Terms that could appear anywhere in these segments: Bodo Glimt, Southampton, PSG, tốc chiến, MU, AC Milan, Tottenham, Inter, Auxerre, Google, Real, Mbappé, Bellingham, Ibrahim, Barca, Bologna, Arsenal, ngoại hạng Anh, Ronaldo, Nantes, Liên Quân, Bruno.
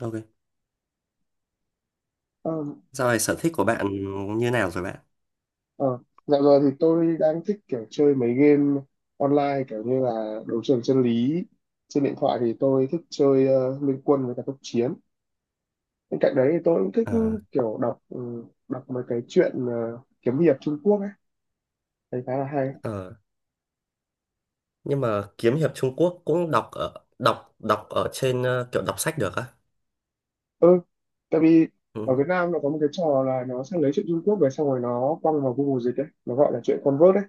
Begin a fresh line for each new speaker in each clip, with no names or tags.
Ok.
Ờ,
Dạo này sở thích của bạn như nào rồi bạn?
ờ. Dạo giờ thì tôi đang thích kiểu chơi mấy game online kiểu như là đấu trường chân lý, trên điện thoại thì tôi thích chơi Liên Quân với cả tốc chiến. Bên cạnh đấy thì tôi cũng thích
À,
kiểu đọc đọc mấy cái truyện kiếm hiệp Trung Quốc ấy, thấy khá là hay.
ờ, nhưng mà kiếm hiệp Trung Quốc cũng đọc ở đọc đọc ở trên kiểu đọc sách được á.
Ừ, tại vì ở
Ừ.
Việt Nam nó có một cái trò là nó sẽ lấy truyện Trung Quốc về xong rồi nó quăng vào Google dịch ấy, nó gọi là truyện convert đấy.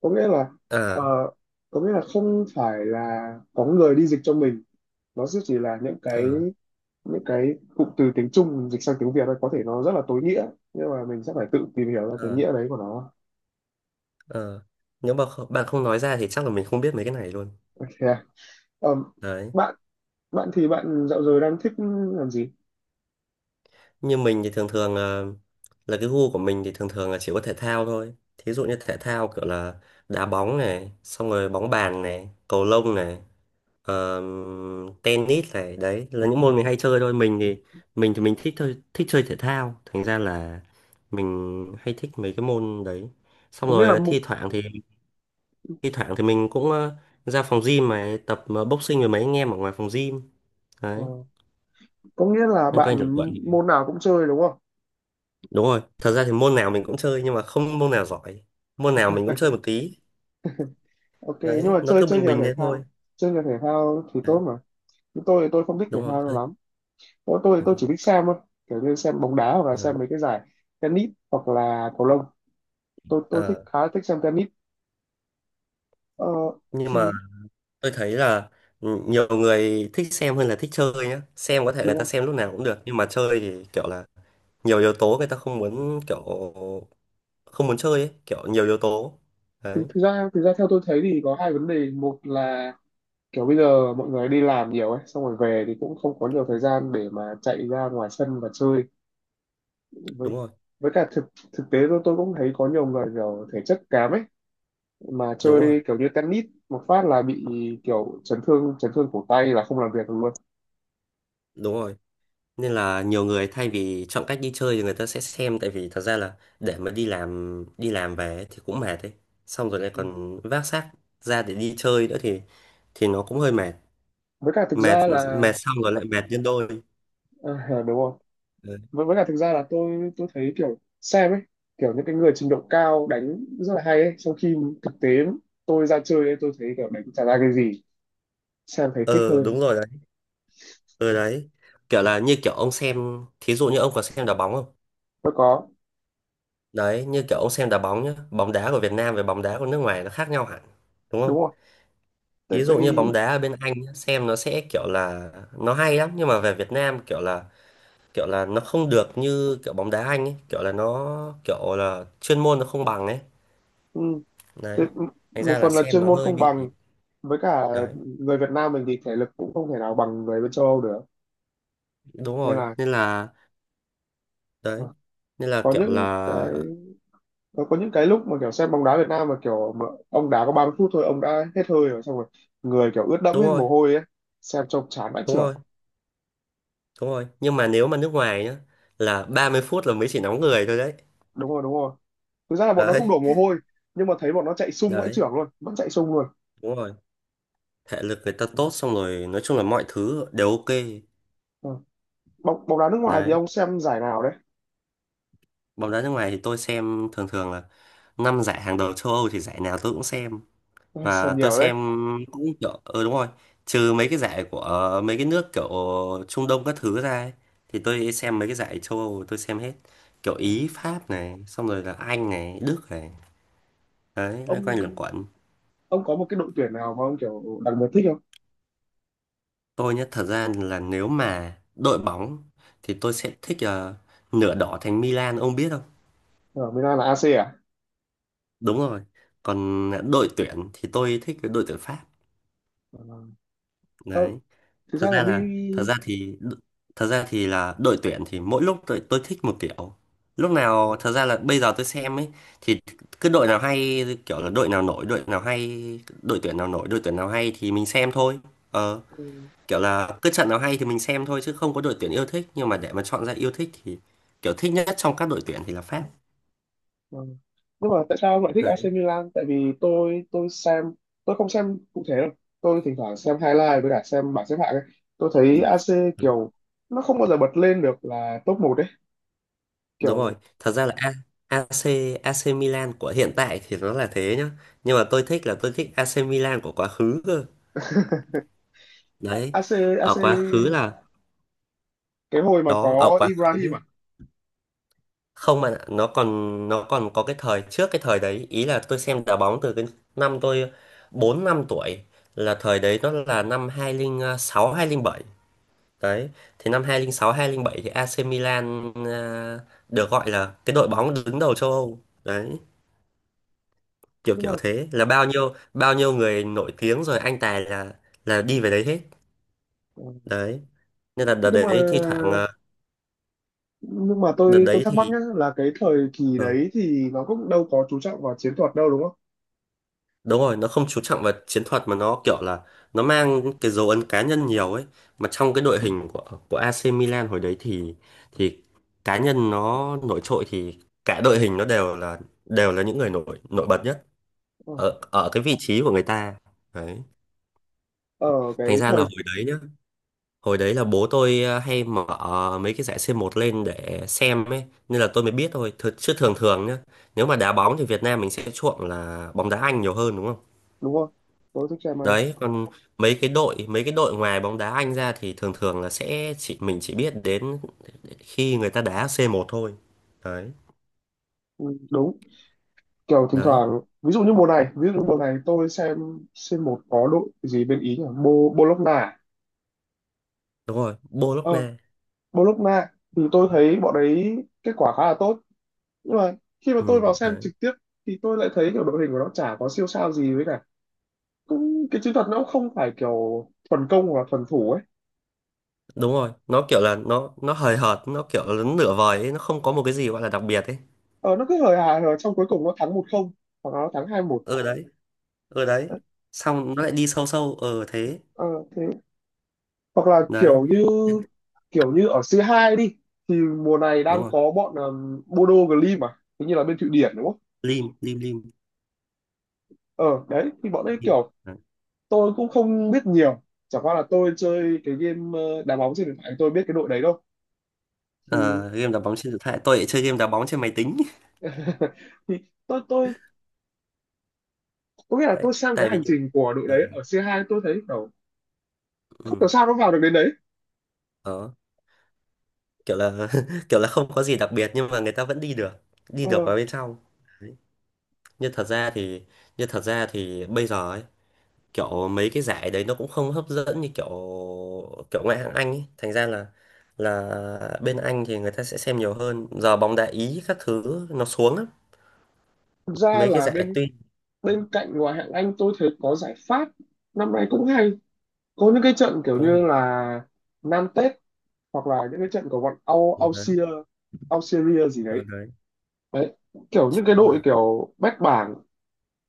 Có nghĩa là ờ,
À,
có nghĩa là không phải là có người đi dịch cho mình, nó sẽ chỉ là
à,
những cái cụm từ tiếng Trung mình dịch sang tiếng Việt ấy, có thể nó rất là tối nghĩa, nhưng mà mình sẽ phải tự tìm hiểu ra cái
à,
nghĩa đấy của nó.
à. Nếu mà bạn không nói ra thì chắc là mình không biết mấy cái này luôn.
Ok. Ờm,
Đấy.
bạn bạn thì bạn dạo giờ đang thích làm gì?
Như mình thì thường thường là cái gu của mình thì thường thường là chỉ có thể thao thôi. Thí dụ như thể thao kiểu là đá bóng này, xong rồi bóng bàn này, cầu lông này. Ờ, tennis này, đấy là những môn mình hay chơi thôi. Mình thì mình thích thôi, thích chơi thể thao, thành ra là mình hay thích mấy cái môn đấy. Xong À,
Có nghĩa
rồi
là
thi thoảng thì mình cũng ra phòng gym mà tập boxing với mấy anh em ở ngoài phòng gym.
ờ,
Đấy,
có nghĩa là
loanh quanh lẩn
bạn
quẩn.
môn nào cũng chơi đúng không?
Đúng rồi, thật ra thì môn nào mình cũng chơi nhưng mà không môn nào giỏi, môn nào mình cũng chơi một tí.
Ok, nhưng
Đấy,
mà
nó
chơi
cứ
chơi
bình
nhiều
bình
thể
thế thôi.
thao, chơi nhiều thể thao thì tốt
Đấy,
mà. Nhưng tôi thì tôi không thích thể
đúng rồi.
thao
Chơi.
lắm, tôi thì tôi
Ừ.
chỉ thích xem thôi, kiểu như xem bóng đá hoặc là
Yeah.
xem mấy cái giải tennis hoặc là cầu lông. Tôi thích,
Ờ,
khá là thích xem tennis. ờ,
nhưng
thì
mà tôi thấy là ừ, nhiều người thích xem hơn là thích chơi nhá. Xem có thể người
đúng
ta
rồi.
xem lúc nào cũng được nhưng mà chơi thì kiểu là nhiều yếu tố người ta không muốn kiểu không muốn chơi ấy, kiểu nhiều yếu tố.
thực
Đấy.
thực ra thực ra theo tôi thấy thì có hai vấn đề. Một là kiểu bây giờ mọi người đi làm nhiều ấy, xong rồi về thì cũng không có nhiều thời gian để mà chạy ra ngoài sân và chơi. với
Đúng rồi.
với cả thực thực tế tôi cũng thấy có nhiều người kiểu thể chất kém ấy, mà
Đúng rồi,
chơi kiểu như tennis một phát là bị kiểu chấn thương. Chấn thương cổ tay là không làm việc được luôn.
đúng rồi, nên là nhiều người thay vì chọn cách đi chơi thì người ta sẽ xem, tại vì thật ra là để mà đi làm, đi làm về ấy thì cũng mệt ấy, xong rồi lại
Ừ,
còn vác xác ra để đi chơi nữa thì nó cũng hơi mệt.
với cả thực
Mệt,
ra là
mệt xong rồi lại mệt nhân đôi.
ờ, đúng rồi.
Đấy.
Với cả thực ra là tôi thấy kiểu xem ấy, kiểu những cái người trình độ cao đánh rất là hay ấy, trong khi thực tế tôi ra chơi ấy, tôi thấy kiểu đánh chả ra cái gì. Xem thấy thích
Ờ,
hơn.
đúng rồi. Ừ, đấy kiểu là như kiểu ông xem, thí dụ như ông có xem đá bóng không?
Mới có
Đấy, như kiểu ông xem đá bóng nhá, bóng đá của Việt Nam với bóng đá của nước ngoài nó khác nhau hẳn đúng không?
đúng rồi. tại,
Thí
tại
dụ như bóng
vì
đá ở bên Anh nhá, xem nó sẽ kiểu là nó hay lắm, nhưng mà về Việt Nam kiểu là nó không được như kiểu bóng đá Anh ấy, kiểu là nó kiểu là chuyên môn nó không bằng ấy.
ừ, thế,
Đấy, thành
một
ra là
phần là
xem
chuyên
nó
môn
hơi
không
bị.
bằng, với cả
Đấy,
người Việt Nam mình thì thể lực cũng không thể nào bằng người bên châu Âu được.
đúng
Nên
rồi,
là
nên là
mà
đấy, nên là
có
kiểu
những
là
cái, có những cái lúc mà kiểu xem bóng đá Việt Nam mà kiểu mà ông đá có 30 phút thôi ông đã hết hơi rồi, xong rồi người kiểu ướt đẫm
đúng
hết
rồi,
mồ hôi ấy, xem trông chán vãi
đúng
chưởng.
rồi. Đúng rồi, nhưng mà nếu mà nước ngoài nhá, là 30 phút là mới chỉ nóng người thôi đấy.
Đúng rồi, đúng rồi, thực ra là bọn nó cũng
Đấy,
đổ mồ hôi, nhưng mà thấy bọn nó chạy sung vãi
đấy,
chưởng luôn, vẫn chạy sung luôn.
đúng rồi, thể lực người ta tốt, xong rồi nói chung là mọi thứ đều ok.
Ừ. bóng bóng đá nước ngoài thì
Đấy,
ông xem giải nào đấy?
bóng đá nước ngoài thì tôi xem thường thường là năm giải hàng đầu châu Âu, thì giải nào tôi cũng xem.
Ừ,
Và
xem
tôi
nhiều đấy.
xem cũng kiểu ừ đúng rồi, trừ mấy cái giải của mấy cái nước kiểu Trung Đông các thứ ra ấy, thì tôi xem mấy cái giải châu Âu tôi xem hết, kiểu
Ừ.
Ý, Pháp này, xong rồi là Anh này, Đức này. Đấy, loanh
ông
quanh luẩn quẩn.
ông có một cái đội tuyển nào mà ông kiểu đặc biệt thích không?
Tôi nhé, thật ra là nếu mà đội bóng thì tôi sẽ thích nửa đỏ thành Milan, ông biết không?
Ở Milan là AC à?
Đúng rồi. Còn đội tuyển thì tôi thích cái đội tuyển Pháp.
Ừ. Ờ,
Đấy.
thực
Thật
ra là
ra
mi.
là thật ra thì thật ra thì là đội tuyển thì mỗi lúc tôi thích một kiểu. Lúc nào
Ừ.
thật ra là bây giờ tôi xem ấy thì cứ đội nào hay, kiểu là đội nào nổi, đội nào hay, đội tuyển nào nổi, đội tuyển nào hay thì mình xem thôi. Ờ,
ừ,
kiểu là cứ trận nào hay thì mình xem thôi, chứ không có đội tuyển yêu thích, nhưng mà để mà chọn ra yêu thích thì kiểu thích nhất trong các đội tuyển thì là Pháp.
ừ. Nhưng mà tại sao ông lại thích
Đấy.
AC Milan? Tại vì tôi xem, tôi không xem cụ thể đâu, tôi thỉnh thoảng xem highlight với cả xem bảng xếp hạng ấy. Tôi thấy AC kiểu nó không bao giờ bật lên được là top một đấy,
Đúng rồi,
kiểu
thật ra là AC, AC Milan của hiện tại thì nó là thế nhá, nhưng mà tôi thích là tôi thích AC Milan của quá khứ cơ. Đấy,
AC AC
ở quá khứ là
cái hồi mà
đó, ở
có
quá
Ibrahim à?
khứ không, mà nó còn, nó còn có cái thời trước cái thời đấy. Ý là tôi xem đá bóng từ cái năm tôi 4 năm tuổi, là thời đấy nó là năm 2006, bảy. Đấy, thì năm 2006 bảy thì AC Milan à, được gọi là cái đội bóng đứng đầu châu Âu. Đấy, kiểu
nhưng mà
kiểu thế, là bao nhiêu người nổi tiếng rồi anh tài là đi về đấy hết. Đấy, nên là đợt
nhưng mà
đấy thi thoảng à,
nhưng mà
đợt
tôi
đấy
thắc mắc
thì
nhá, là cái thời kỳ
ừ,
đấy thì nó cũng đâu có chú trọng vào chiến thuật đâu đúng không?
đúng rồi, nó không chú trọng vào chiến thuật mà nó kiểu là nó mang cái dấu ấn cá nhân nhiều ấy. Mà trong cái đội hình của AC Milan hồi đấy thì cá nhân nó nổi trội thì cả đội hình nó đều là những người nổi nổi bật nhá.
Ờ,
Ở ở cái vị trí của người ta. Đấy,
ở
thành
cái
ra là
thời,
hồi đấy nhá, hồi đấy là bố tôi hay mở mấy cái giải c một lên để xem ấy, nên là tôi mới biết thôi. Chứ thường thường nhá, nếu mà đá bóng thì Việt Nam mình sẽ chuộng là bóng đá Anh nhiều hơn, đúng không?
đúng không, tôi thích xem Anh.
Đấy, còn mấy cái đội, mấy cái đội ngoài bóng đá Anh ra thì thường thường là sẽ chỉ mình chỉ biết đến khi người ta đá c một thôi. Đấy.
Ừ, đúng. Kiểu thỉnh
Đấy,
thoảng ví dụ như mùa này, ví dụ như mùa này tôi xem một có đội gì bên Ý nhỉ, Bologna.
đúng rồi,
Ờ,
Bologna.
Bologna thì tôi thấy bọn đấy kết quả khá là tốt, nhưng mà khi mà
Ừ,
tôi vào xem
đấy,
trực tiếp thì tôi lại thấy kiểu đội hình của nó chả có siêu sao gì, với cả cũng cái chiến thuật nó cũng không phải kiểu thuần công và thuần thủ ấy.
đúng rồi, nó kiểu là nó hời hợt, nó kiểu là nửa vời ấy, nó không có một cái gì gọi là đặc biệt ấy.
Ờ, nó cứ hời hà hời trong cuối cùng nó thắng một không, hoặc là nó thắng hai một.
Ừ, đấy. Ừ, đấy,
ờ,
xong nó lại đi sâu sâu ừ thế.
ờ, Thế, hoặc là
Đấy,
kiểu như, kiểu như ở C2 đi, thì mùa này
đúng
đang
rồi.
có bọn Bodo Glimt mà, hình như là bên Thụy Điển đúng không?
Lim, lim, lim,
Ờ đấy, thì bọn ấy
lim.
kiểu
Đấy.
tôi cũng không biết nhiều, chẳng qua là tôi chơi cái game đá bóng trên điện thoại tôi biết cái đội đấy đâu. Thì,
Ờ, game đá bóng trên điện thoại tôi lại chơi game đá bóng trên máy tính.
thì tôi có nghĩa là
tại
tôi sang cái
tại vì
hành trình của đội
ờ,
đấy ở C2, tôi thấy kiểu không
ừ,
hiểu sao nó vào được đến đấy.
đó, kiểu là kiểu là không có gì đặc biệt nhưng mà người ta vẫn đi được, đi
Ờ,
được vào bên trong. Nhưng thật ra thì nhưng thật ra thì bây giờ ấy, kiểu mấy cái giải đấy nó cũng không hấp dẫn như kiểu kiểu ngoại hạng Anh ấy. Thành ra là bên Anh thì người ta sẽ xem nhiều hơn. Giờ bóng đá Ý các thứ nó xuống lắm.
thật ra
Mấy cái
là
giải
bên,
tuy
bên cạnh ngoại hạng Anh tôi thấy có giải Pháp năm nay cũng hay, có những cái trận kiểu
đúng rồi.
như là Nantes, hoặc là những cái trận của bọn
Ừ. Đấy.
Auxerre, Auxerre gì
Ờ,
đấy.
đấy.
Đấy, kiểu
Chứ
những cái đội
mà
kiểu bét bảng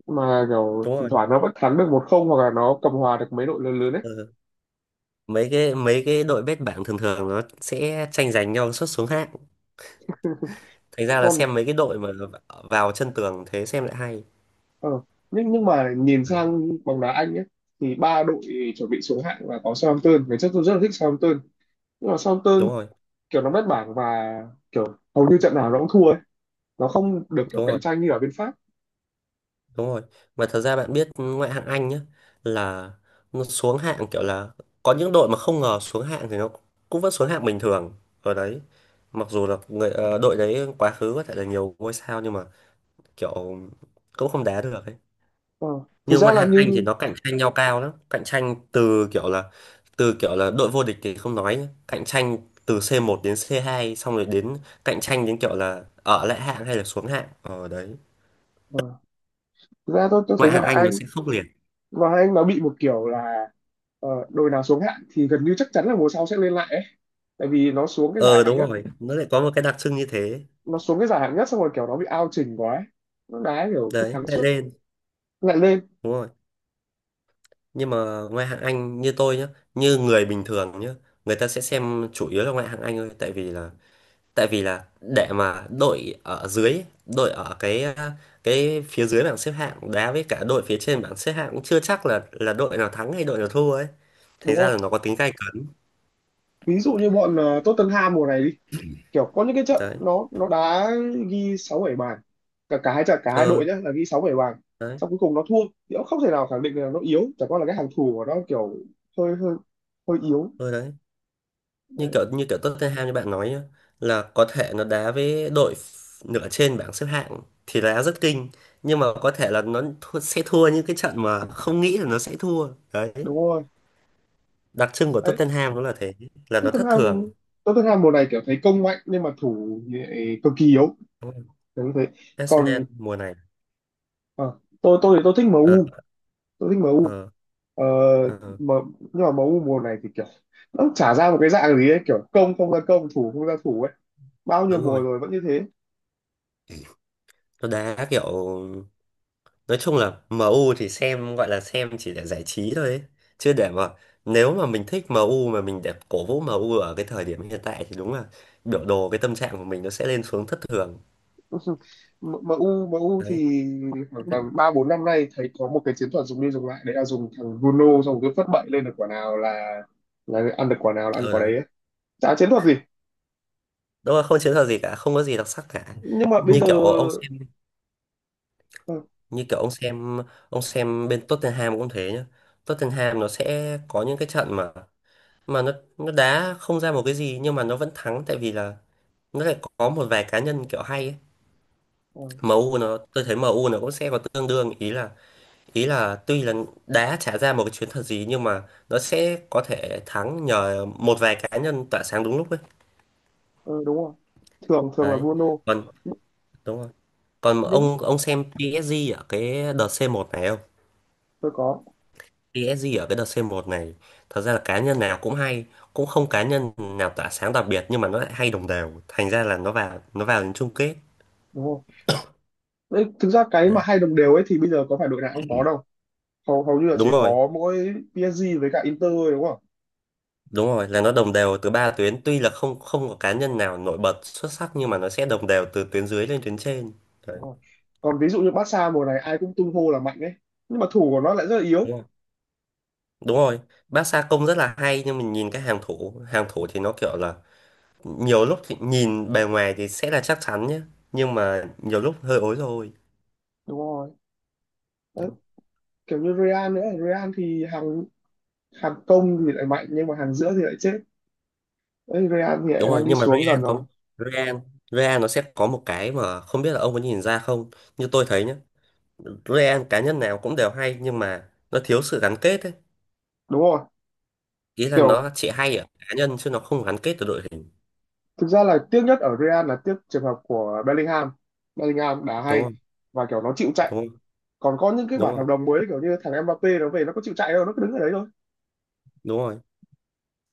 mà kiểu
đúng
thỉnh
rồi.
thoảng nó vẫn thắng được một không, hoặc là nó cầm hòa được mấy đội lớn lớn ấy.
Ừ. Mấy cái đội bét bảng thường thường nó sẽ tranh giành nhau suốt xuống hạng. Thành ra là
Còn
xem mấy cái đội mà vào chân tường thế xem lại hay.
ờ, nhưng mà nhìn
Đấy,
sang bóng đá Anh ấy, thì ba đội chuẩn bị xuống hạng là có Southampton. Ngày trước tôi rất là thích Southampton, nhưng mà
đúng
Southampton
rồi,
kiểu nó bét bảng, và kiểu hầu như trận nào nó cũng thua, nó không được kiểu
đúng
cạnh
rồi.
tranh như ở bên Pháp.
Đúng rồi, mà thật ra bạn biết ngoại hạng Anh nhá, là nó xuống hạng kiểu là có những đội mà không ngờ xuống hạng thì nó cũng vẫn xuống hạng bình thường ở đấy. Mặc dù là người đội đấy quá khứ có thể là nhiều ngôi sao, nhưng mà kiểu cũng không đá được ấy.
Ờ, thực
Nhưng
ra
ngoại
là
hạng Anh thì
như,
nó cạnh tranh nhau cao lắm, cạnh tranh từ kiểu là đội vô địch thì không nói nhá, cạnh tranh từ c một đến c hai, xong rồi đến cạnh tranh đến kiểu là ở lại hạng hay là xuống hạng ở đấy.
ờ, thực ra tôi thấy
Ngoại hạng
ngoại
Anh nó
Anh,
sẽ khốc liệt.
ngoại Anh nó bị một kiểu là đội nào xuống hạng thì gần như chắc chắn là mùa sau sẽ lên lại ấy. Tại vì nó xuống cái giải
Ờ,
hạng
đúng
nhất,
rồi, nó lại có một cái đặc trưng như thế.
nó xuống cái giải hạng nhất xong rồi kiểu nó bị ao chỉnh quá ấy. Nó đá kiểu cứ
Đấy,
thắng
lại
suốt
lên.
lại lên.
Đúng rồi, nhưng mà ngoại hạng Anh như tôi nhá, như người bình thường nhá, người ta sẽ xem chủ yếu là ngoại hạng Anh thôi, tại vì là để mà đội ở dưới, đội ở cái à, cái phía dưới bảng xếp hạng đá với cả đội phía trên bảng xếp hạng cũng chưa chắc là đội nào thắng hay đội nào thua ấy, thành
Đúng
ra là
không,
nó có tính gay cấn.
ví dụ như bọn Tottenham mùa này đi, kiểu có những cái trận
Đấy,
nó đá ghi sáu bảy bàn, cả, cả hai trận, cả hai
ờ
đội nhá, là ghi sáu bảy bàn,
đấy,
xong cuối cùng nó thua. Thì cũng không thể nào khẳng định là nó yếu, chẳng qua là cái hàng thủ của nó kiểu hơi, hơi yếu
ờ đấy, như
đấy,
kiểu như kiểu Tottenham như bạn nói nhá, là có thể nó đá với đội nửa trên bảng xếp hạng thì đá rất kinh, nhưng mà có thể là nó thua, sẽ thua những cái trận mà không nghĩ là nó sẽ thua đấy.
đúng rồi.
Đặc trưng của
Đấy,
Tottenham nó là thế, là nó thất
Tottenham,
thường.
Tottenham mùa này kiểu thấy công mạnh nhưng mà thủ thì lại cực kỳ yếu,
Đúng rồi.
đúng thế.
Arsenal
Còn
mùa này
ờ, tôi thì tôi thích
ờ,
MU, tôi thích MU.
ờ,
ờ,
ờ,
mà, nhưng mà MU mùa này thì kiểu nó chả ra một cái dạng gì ấy, kiểu công không ra công thủ không ra thủ ấy, bao nhiêu
đúng
mùa
rồi,
rồi vẫn như thế.
nó đá kiểu nói chung là em u thì xem gọi là xem chỉ để giải trí thôi ấy. Chứ để mà nếu mà mình thích em u mà mình để cổ vũ em u ở cái thời điểm hiện tại thì đúng là biểu đồ cái tâm trạng của mình nó sẽ lên xuống thất thường.
M- MU MU
Đấy.
thì khoảng tầm 3 4 năm nay thấy có một cái chiến thuật dùng đi dùng lại, đấy là dùng thằng Bruno xong cứ phất bậy lên được quả nào là, ăn được quả nào là ăn
Ừ,
quả
đấy,
đấy ấy. Chả chiến thuật gì.
đúng là không chiến thuật gì cả, không có gì đặc sắc cả.
Nhưng mà bây
như
giờ
kiểu ông xem
ừ,
như kiểu ông xem ông xem bên Tottenham cũng thế nhá, Tottenham nó sẽ có những cái trận mà nó đá không ra một cái gì nhưng mà nó vẫn thắng, tại vì là nó lại có một vài cá nhân kiểu hay ấy.
ừ,
MU nó, tôi thấy MU nó cũng sẽ có tương đương. Ý là ý là tuy là đá trả ra một cái chuyến thật gì nhưng mà nó sẽ có thể thắng nhờ một vài cá nhân tỏa sáng đúng lúc ấy.
ừ, đúng rồi, thường thường là
Đấy,
Bruno.
còn
Nh-
đúng rồi, còn
nhưng
ông xem PSG ở cái đợt C1 này không?
tôi có,
PSG ở cái đợt C1 này thật ra là cá nhân nào cũng hay, cũng không cá nhân nào tỏa sáng đặc biệt, nhưng mà nó lại hay đồng đều, thành ra là nó vào, nó vào đến chung kết.
đúng không? Đấy, thực ra cái mà
Đấy.
hai đồng đều ấy thì bây giờ có phải đội nào cũng có đâu, hầu hầu như là chỉ
Đúng rồi.
có mỗi PSG với cả Inter thôi, đúng không?
Đúng rồi, là nó đồng đều từ ba tuyến, tuy là không không có cá nhân nào nổi bật xuất sắc nhưng mà nó sẽ đồng đều từ tuyến dưới lên tuyến trên. Đấy,
Đúng rồi. Còn ví dụ như Barca mùa này ai cũng tung hô là mạnh ấy, nhưng mà thủ của nó lại rất là yếu,
đúng rồi. Đúng rồi, bác Sa Công rất là hay, nhưng mình nhìn cái hàng thủ thì nó kiểu là nhiều lúc thì nhìn bề ngoài thì sẽ là chắc chắn nhé, nhưng mà nhiều lúc hơi ối rồi.
đúng rồi. Đấy, kiểu như Real nữa, Real thì hàng, hàng công thì lại mạnh nhưng mà hàng giữa thì lại chết. Đấy, Real thì lại
Đúng
đang
rồi,
đi
nhưng mà
xuống dần
Real
rồi,
có, Real, Real nó sẽ có một cái mà không biết là ông có nhìn ra không, như tôi thấy nhé. Real cá nhân nào cũng đều hay nhưng mà nó thiếu sự gắn kết ấy.
đúng rồi.
Ý là
Kiểu
nó chỉ hay ở cá nhân chứ nó không gắn kết với đội hình.
thực ra là tiếc nhất ở Real là tiếc trường hợp của Bellingham, Bellingham đá
Đúng
hay
không?
và kiểu nó chịu chạy.
Đúng không?
Còn có những cái
Đúng
bản
rồi,
hợp đồng mới kiểu như thằng Mbappé nó về nó có chịu chạy đâu, nó cứ đứng ở đấy thôi,
đúng rồi,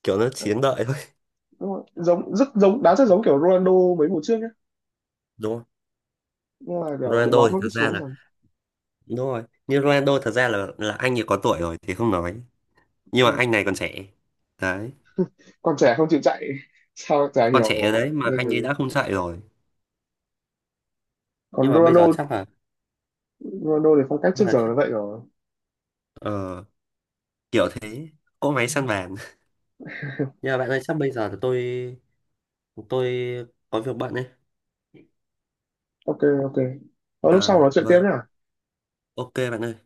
kiểu nó chiến đợi thôi.
đúng rồi. Giống, rất giống, đá rất giống kiểu Ronaldo mấy mùa trước nhá,
Đúng không?
nhưng mà kiểu đội
Ronaldo
bóng
thì
nó cứ
thật ra
xuống
là
dần.
đúng rồi, như Ronaldo thật ra là anh ấy có tuổi rồi thì không nói, nhưng mà
Ừ.
anh này còn trẻ. Đấy,
Còn trẻ không chịu chạy sao chả
còn trẻ
hiểu,
đấy mà
lên
anh
kiểu
ấy
gì.
đã không chạy rồi.
Còn
Nhưng mà bây giờ
Ronaldo,
chắc là
Ronaldo thì phong cách
bây
trước
giờ
giờ là vậy rồi.
ờ, kiểu thế, cỗ máy săn bàn. Nhưng mà bạn ơi, chắc bây giờ là tôi có việc bận ấy.
Ok, ok, ờ, lúc sau
Là
nói chuyện tiếp
vâng,
nhá.
ok bạn ơi.